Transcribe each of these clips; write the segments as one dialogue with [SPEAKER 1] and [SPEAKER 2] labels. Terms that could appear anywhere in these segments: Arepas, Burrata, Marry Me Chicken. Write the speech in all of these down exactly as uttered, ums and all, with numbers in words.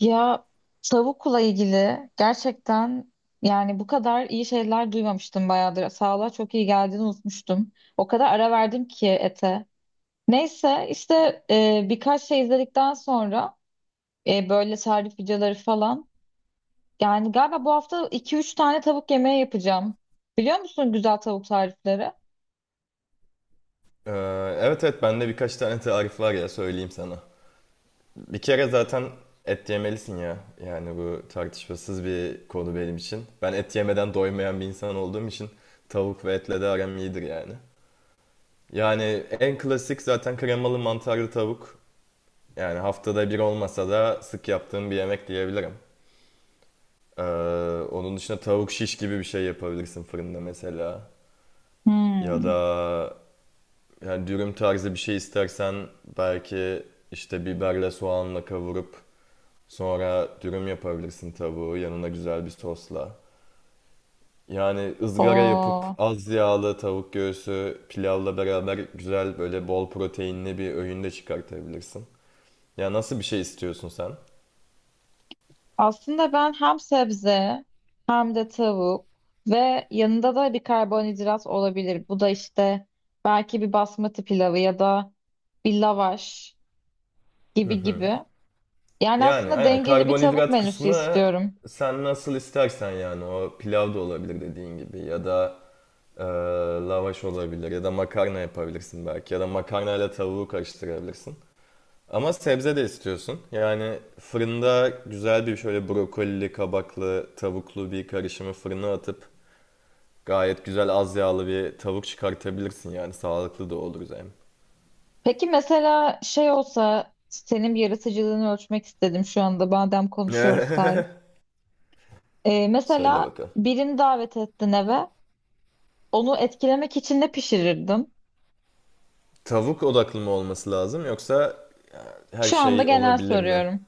[SPEAKER 1] Ya tavukla ilgili gerçekten yani bu kadar iyi şeyler duymamıştım bayağıdır. Sağlığa çok iyi geldiğini unutmuştum. O kadar ara verdim ki ete. Neyse işte e, birkaç şey izledikten sonra e, böyle tarif videoları falan. Yani galiba bu hafta iki üç tane tavuk yemeği yapacağım. Biliyor musun güzel tavuk tarifleri?
[SPEAKER 2] Ee, evet evet, bende birkaç tane tarif var ya, söyleyeyim sana. Bir kere zaten et yemelisin ya. Yani bu tartışmasız bir konu benim için. Ben et yemeden doymayan bir insan olduğum için tavuk ve etle de aram iyidir yani. Yani en klasik zaten kremalı mantarlı tavuk. Yani haftada bir olmasa da sık yaptığım bir yemek diyebilirim. Ee, Onun dışında tavuk şiş gibi bir şey yapabilirsin fırında mesela. Ya
[SPEAKER 1] Hmm.
[SPEAKER 2] da yani dürüm tarzı bir şey istersen belki işte biberle soğanla kavurup sonra dürüm yapabilirsin tavuğu yanına güzel bir sosla. Yani ızgara
[SPEAKER 1] Oo.
[SPEAKER 2] yapıp az yağlı tavuk göğsü pilavla beraber güzel böyle bol proteinli bir öğün de çıkartabilirsin. Ya nasıl bir şey istiyorsun sen?
[SPEAKER 1] Aslında ben hem sebze hem de tavuk ve yanında da bir karbonhidrat olabilir. Bu da işte belki bir basmati pilavı ya da bir lavaş gibi gibi. Yani
[SPEAKER 2] Yani
[SPEAKER 1] aslında
[SPEAKER 2] aynen
[SPEAKER 1] dengeli bir tavuk
[SPEAKER 2] karbonhidrat
[SPEAKER 1] menüsü
[SPEAKER 2] kısmı
[SPEAKER 1] istiyorum.
[SPEAKER 2] sen nasıl istersen yani o pilav da olabilir dediğin gibi ya da e, lavaş olabilir ya da makarna yapabilirsin belki ya da makarnayla tavuğu karıştırabilirsin. Ama sebze de istiyorsun. Yani fırında güzel bir şöyle brokolili, kabaklı, tavuklu bir karışımı fırına atıp gayet güzel az yağlı bir tavuk çıkartabilirsin yani sağlıklı da olur hem.
[SPEAKER 1] Peki mesela şey olsa senin bir yaratıcılığını ölçmek istedim şu anda madem konuşuyoruz tarif. Ee,
[SPEAKER 2] Söyle
[SPEAKER 1] mesela
[SPEAKER 2] bakalım.
[SPEAKER 1] birini davet ettin eve. Onu etkilemek için ne pişirirdin?
[SPEAKER 2] Tavuk odaklı mı olması lazım yoksa e, her
[SPEAKER 1] Şu anda
[SPEAKER 2] şey
[SPEAKER 1] genel
[SPEAKER 2] olabilir mi?
[SPEAKER 1] soruyorum.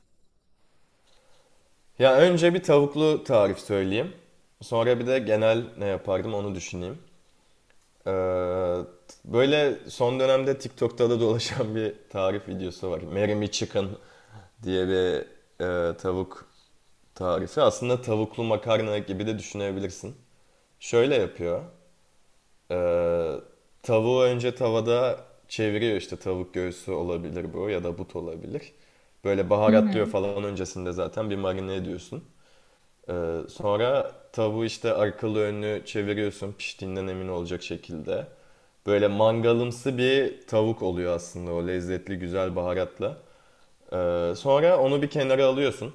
[SPEAKER 2] Ya önce bir tavuklu tarif söyleyeyim. Sonra bir de genel ne yapardım onu düşüneyim. Ee, Böyle son dönemde TikTok'ta da dolaşan bir tarif videosu var. Marry Me Chicken diye bir e, tavuk tarifi. Aslında tavuklu makarna gibi de düşünebilirsin. Şöyle yapıyor. Ee, Tavuğu önce tavada çeviriyor, işte tavuk göğsü olabilir bu ya da but olabilir. Böyle
[SPEAKER 1] Hı
[SPEAKER 2] baharatlıyor
[SPEAKER 1] hı.
[SPEAKER 2] falan, öncesinde zaten bir marine ediyorsun. Ee, sonra tavuğu işte arkalı önlü çeviriyorsun piştiğinden emin olacak şekilde. Böyle mangalımsı bir tavuk oluyor aslında o lezzetli güzel baharatla. Ee, sonra onu bir kenara alıyorsun.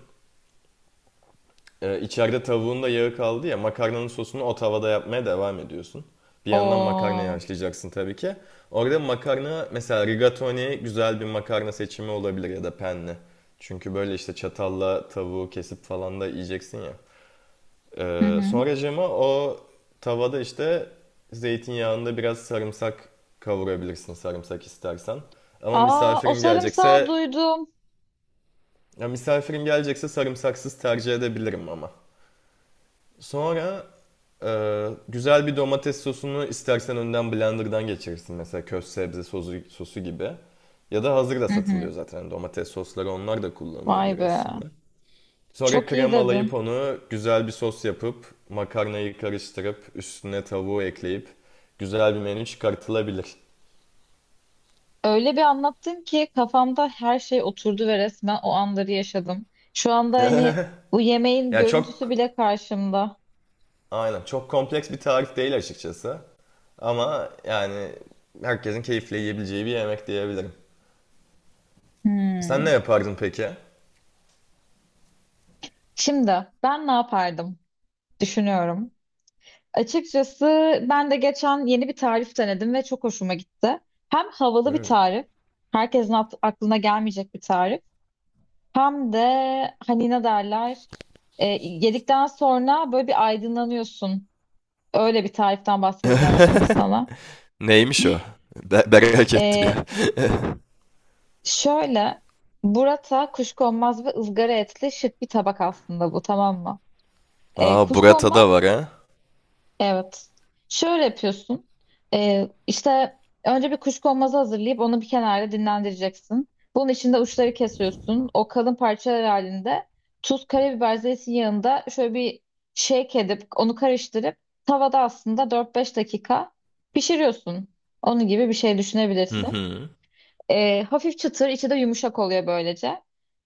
[SPEAKER 2] Ee, içeride tavuğun da yağı kaldı ya, makarnanın sosunu o tavada yapmaya devam ediyorsun. Bir yandan makarnayı
[SPEAKER 1] Oo.
[SPEAKER 2] haşlayacaksın tabii ki. Orada makarna mesela rigatoni güzel bir makarna seçimi olabilir ya da penne. Çünkü böyle işte çatalla tavuğu kesip falan da yiyeceksin ya.
[SPEAKER 1] Hı
[SPEAKER 2] Ee,
[SPEAKER 1] hı.
[SPEAKER 2] sonra Cema o tavada işte zeytinyağında biraz sarımsak kavurabilirsin, sarımsak istersen. Ama
[SPEAKER 1] Aa, o
[SPEAKER 2] misafirim
[SPEAKER 1] sarımsağı
[SPEAKER 2] gelecekse,
[SPEAKER 1] duydum.
[SPEAKER 2] ya misafirim gelecekse sarımsaksız tercih edebilirim ama. Sonra e, güzel bir domates sosunu istersen önden blenderdan geçirirsin, mesela köz sebze sosu, sosu gibi. Ya da hazır da
[SPEAKER 1] Hı hı.
[SPEAKER 2] satılıyor zaten domates sosları, onlar da
[SPEAKER 1] Vay
[SPEAKER 2] kullanılabilir
[SPEAKER 1] be.
[SPEAKER 2] aslında. Sonra
[SPEAKER 1] Çok iyi
[SPEAKER 2] kremalayıp
[SPEAKER 1] dedin.
[SPEAKER 2] onu güzel bir sos yapıp makarnayı karıştırıp üstüne tavuğu ekleyip güzel bir menü çıkartılabilir.
[SPEAKER 1] Öyle bir anlattın ki kafamda her şey oturdu ve resmen o anları yaşadım. Şu anda hani bu yemeğin
[SPEAKER 2] Yani
[SPEAKER 1] görüntüsü
[SPEAKER 2] çok,
[SPEAKER 1] bile karşımda.
[SPEAKER 2] aynen çok kompleks bir tarif değil açıkçası. Ama yani herkesin keyifle yiyebileceği bir yemek diyebilirim. Sen ne
[SPEAKER 1] Hmm.
[SPEAKER 2] yapardın peki?
[SPEAKER 1] Şimdi ben ne yapardım? Düşünüyorum. Açıkçası ben de geçen yeni bir tarif denedim ve çok hoşuma gitti. Hem havalı bir tarif, herkesin at- aklına gelmeyecek bir tarif. Hem de hani ne derler e, yedikten sonra böyle bir aydınlanıyorsun. Öyle bir tariften bahsedeceğim şimdi sana.
[SPEAKER 2] Neymiş o? Be merak ettim
[SPEAKER 1] E,
[SPEAKER 2] ya.
[SPEAKER 1] Şöyle burrata kuşkonmaz ve ızgara etli şık bir tabak aslında bu tamam mı? E,
[SPEAKER 2] Aa, Burata da var ha.
[SPEAKER 1] Evet. Şöyle yapıyorsun. Ee, işte önce bir kuşkonmazı hazırlayıp onu bir kenarda dinlendireceksin. Bunun içinde uçları kesiyorsun. O kalın parçalar halinde tuz, karabiber, zeytin yağında şöyle bir shake edip onu karıştırıp tavada aslında dört beş dakika pişiriyorsun. Onun gibi bir şey
[SPEAKER 2] Hı
[SPEAKER 1] düşünebilirsin.
[SPEAKER 2] hı.
[SPEAKER 1] E, hafif çıtır, içi de yumuşak oluyor böylece.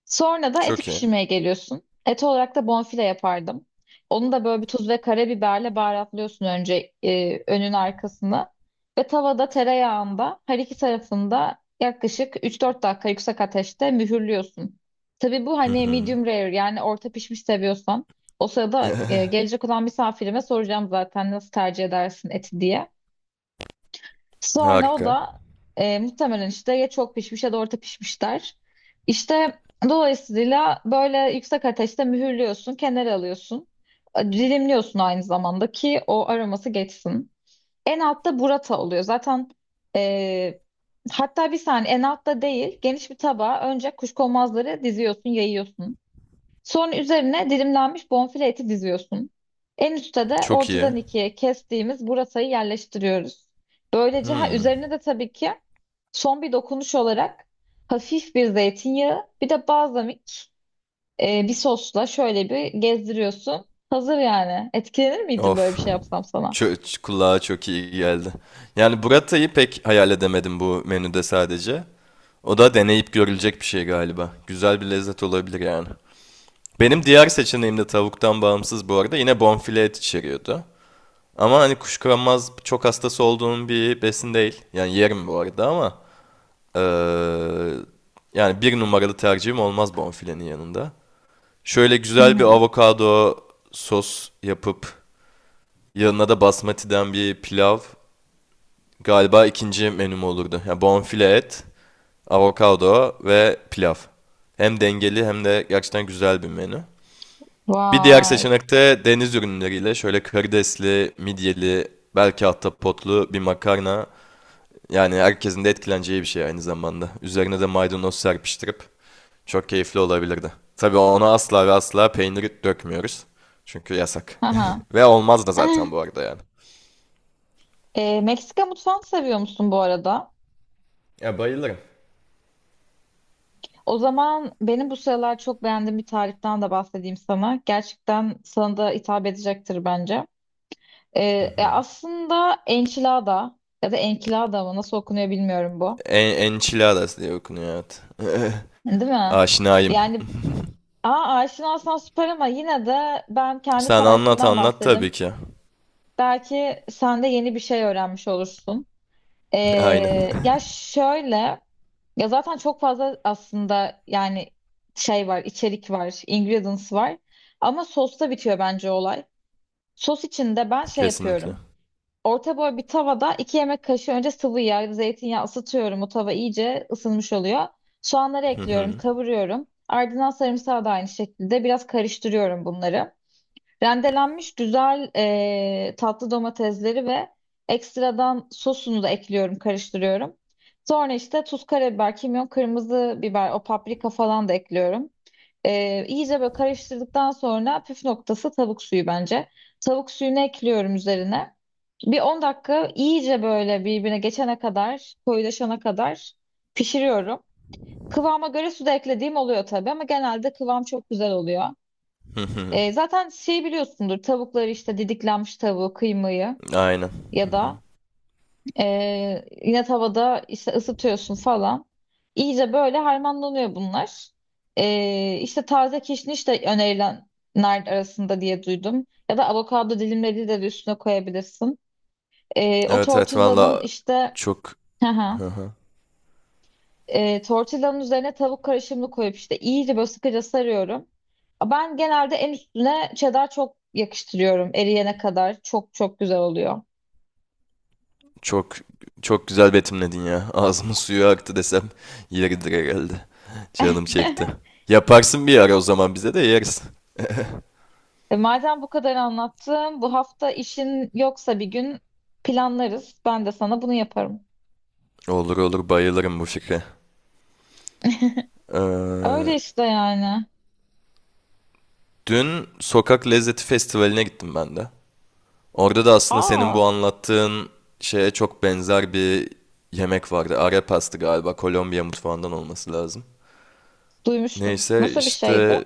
[SPEAKER 1] Sonra da eti
[SPEAKER 2] Çok iyi.
[SPEAKER 1] pişirmeye geliyorsun. Et olarak da bonfile yapardım. Onu da böyle bir tuz ve karabiberle baharatlıyorsun önce e, önün arkasını. Ve tavada tereyağında her iki tarafında yaklaşık üç dört dakika yüksek ateşte mühürlüyorsun. Tabii bu
[SPEAKER 2] Hı
[SPEAKER 1] hani
[SPEAKER 2] hı.
[SPEAKER 1] medium rare yani orta pişmiş seviyorsan. O sırada e, gelecek olan misafirime soracağım zaten nasıl tercih edersin eti diye. Sonra o
[SPEAKER 2] Harika.
[SPEAKER 1] da e, muhtemelen işte ya çok pişmiş ya da orta pişmiş der. İşte dolayısıyla böyle yüksek ateşte mühürlüyorsun, kenara alıyorsun. Dilimliyorsun aynı zamanda ki o aroması geçsin. En altta burrata oluyor. Zaten e, hatta bir saniye en altta değil geniş bir tabağa önce kuşkonmazları diziyorsun, yayıyorsun. Sonra üzerine dilimlenmiş bonfile eti diziyorsun. En üstte de
[SPEAKER 2] Çok iyi.
[SPEAKER 1] ortadan ikiye kestiğimiz burasayı yerleştiriyoruz. Böylece ha
[SPEAKER 2] Hmm.
[SPEAKER 1] üzerine de tabii ki son bir dokunuş olarak hafif bir zeytinyağı bir de balzamik e, bir sosla şöyle bir gezdiriyorsun. Hazır yani. Etkilenir miydin böyle bir
[SPEAKER 2] Of.
[SPEAKER 1] şey yapsam sana?
[SPEAKER 2] Çö- ç- kulağa çok iyi geldi. Yani Burata'yı pek hayal edemedim bu menüde sadece. O da deneyip görülecek bir şey galiba. Güzel bir lezzet olabilir yani. Benim diğer seçeneğim de tavuktan bağımsız bu arada yine bonfile et içeriyordu. Ama hani kuşkulanmaz çok hastası olduğum bir besin değil. Yani yerim bu arada ama eee, yani bir numaralı tercihim olmaz bonfilenin yanında. Şöyle
[SPEAKER 1] Hı
[SPEAKER 2] güzel bir
[SPEAKER 1] hı.
[SPEAKER 2] avokado sos yapıp yanına da basmati'den bir pilav, galiba ikinci menüm olurdu. Yani bonfile et, avokado ve pilav. Hem dengeli hem de gerçekten güzel bir menü. Bir diğer
[SPEAKER 1] Vay.
[SPEAKER 2] seçenek de deniz ürünleriyle şöyle karidesli, midyeli, belki hatta potlu bir makarna. Yani herkesin de etkileneceği bir şey aynı zamanda. Üzerine de maydanoz serpiştirip çok keyifli olabilirdi. Tabii ona asla ve asla peyniri dökmüyoruz. Çünkü yasak.
[SPEAKER 1] Haha.
[SPEAKER 2] Ve olmaz da zaten
[SPEAKER 1] Eh,
[SPEAKER 2] bu arada yani.
[SPEAKER 1] e, Meksika mutfağını seviyor musun bu arada?
[SPEAKER 2] Ya bayılırım.
[SPEAKER 1] O zaman benim bu sıralar çok beğendiğim bir tariften de bahsedeyim sana. Gerçekten sana da hitap edecektir bence. E, e, Aslında enchilada ya da enchilada mı nasıl okunuyor bilmiyorum bu.
[SPEAKER 2] En, enchiladas diye okunuyor, evet.
[SPEAKER 1] Değil mi?
[SPEAKER 2] Aşinayım.
[SPEAKER 1] Yani aa, aşinasan süper ama yine de ben kendi
[SPEAKER 2] Sen anlat
[SPEAKER 1] tarifimden
[SPEAKER 2] anlat tabii
[SPEAKER 1] bahsedeyim.
[SPEAKER 2] ki.
[SPEAKER 1] Belki sen de yeni bir şey öğrenmiş olursun. E,
[SPEAKER 2] Aynen.
[SPEAKER 1] Ya şöyle... Ya zaten çok fazla aslında yani şey var, içerik var, ingredients var. Ama sosta bitiyor bence olay. Sos için de ben şey
[SPEAKER 2] Kesinlikle.
[SPEAKER 1] yapıyorum. Orta boy bir tavada iki yemek kaşığı önce sıvı yağ, zeytinyağı ısıtıyorum. O tava iyice ısınmış oluyor. Soğanları
[SPEAKER 2] Hı
[SPEAKER 1] ekliyorum,
[SPEAKER 2] hı.
[SPEAKER 1] kavuruyorum. Ardından sarımsağı da aynı şekilde biraz karıştırıyorum bunları. Rendelenmiş güzel e, tatlı domatesleri ve ekstradan sosunu da ekliyorum, karıştırıyorum. Sonra işte tuz, karabiber, kimyon, kırmızı biber, o paprika falan da ekliyorum. E, iyice böyle karıştırdıktan sonra püf noktası tavuk suyu bence. Tavuk suyunu ekliyorum üzerine. Bir on dakika iyice böyle birbirine geçene kadar, koyulaşana kadar pişiriyorum. Kıvama göre su da eklediğim oluyor tabii ama genelde kıvam çok güzel oluyor.
[SPEAKER 2] Hı hı.
[SPEAKER 1] E, zaten şey biliyorsundur tavukları işte didiklenmiş tavuğu kıymayı
[SPEAKER 2] Aynen.
[SPEAKER 1] ya
[SPEAKER 2] Hı hı.
[SPEAKER 1] da e, yine tavada işte ısıtıyorsun falan. İyice böyle harmanlanıyor bunlar. E, işte taze kişniş de önerilenler arasında diye duydum. Ya da avokado dilimleri de üstüne koyabilirsin. E, o
[SPEAKER 2] Evet evet,
[SPEAKER 1] tortillanın
[SPEAKER 2] valla
[SPEAKER 1] işte
[SPEAKER 2] çok... Hı hı.
[SPEAKER 1] e, tortillanın üzerine tavuk karışımını koyup işte iyice böyle sıkıca sarıyorum. Ben genelde en üstüne cheddar çok yakıştırıyorum eriyene kadar. Çok çok güzel oluyor.
[SPEAKER 2] Çok çok güzel betimledin ya. Ağzımın suyu aktı desem yeridir herhalde. Canım çekti. Yaparsın bir ara o zaman, bize de yeriz.
[SPEAKER 1] E, madem bu kadar anlattım, bu hafta işin yoksa bir gün planlarız. Ben de sana bunu yaparım.
[SPEAKER 2] Olur olur, bayılırım bu fikre. Ee,
[SPEAKER 1] Öyle işte yani.
[SPEAKER 2] Dün Sokak Lezzeti Festivali'ne gittim ben de. Orada da aslında senin bu
[SPEAKER 1] Aa,
[SPEAKER 2] anlattığın şeye çok benzer bir yemek vardı. Arepas pastı galiba. Kolombiya mutfağından olması lazım.
[SPEAKER 1] duymuştum.
[SPEAKER 2] Neyse
[SPEAKER 1] Nasıl bir şeydi?
[SPEAKER 2] işte,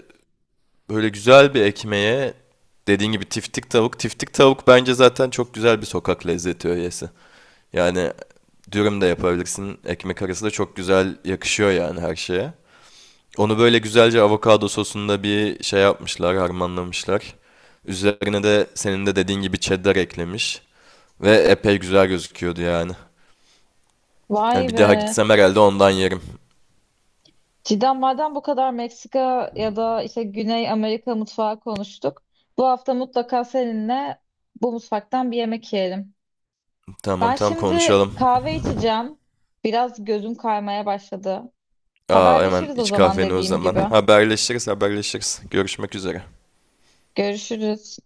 [SPEAKER 2] böyle güzel bir ekmeğe dediğin gibi tiftik tavuk. Tiftik tavuk bence zaten çok güzel bir sokak lezzeti öğesi. Yani dürüm de yapabilirsin. Ekmek arası da çok güzel yakışıyor yani her şeye. Onu böyle güzelce avokado sosunda bir şey yapmışlar, harmanlamışlar. Üzerine de senin de dediğin gibi cheddar eklemiş. Ve epey güzel gözüküyordu yani. Yani
[SPEAKER 1] Vay
[SPEAKER 2] bir daha
[SPEAKER 1] be.
[SPEAKER 2] gitsem herhalde ondan yerim.
[SPEAKER 1] Cidden madem bu kadar Meksika ya da işte Güney Amerika mutfağı konuştuk. Bu hafta mutlaka seninle bu mutfaktan bir yemek yiyelim.
[SPEAKER 2] Tamam
[SPEAKER 1] Ben
[SPEAKER 2] tamam,
[SPEAKER 1] şimdi
[SPEAKER 2] konuşalım.
[SPEAKER 1] kahve içeceğim. Biraz gözüm kaymaya başladı.
[SPEAKER 2] Aa, hemen
[SPEAKER 1] Haberleşiriz o
[SPEAKER 2] iç
[SPEAKER 1] zaman
[SPEAKER 2] kahveni o
[SPEAKER 1] dediğim
[SPEAKER 2] zaman.
[SPEAKER 1] gibi.
[SPEAKER 2] Haberleşiriz haberleşiriz. Görüşmek üzere.
[SPEAKER 1] Görüşürüz.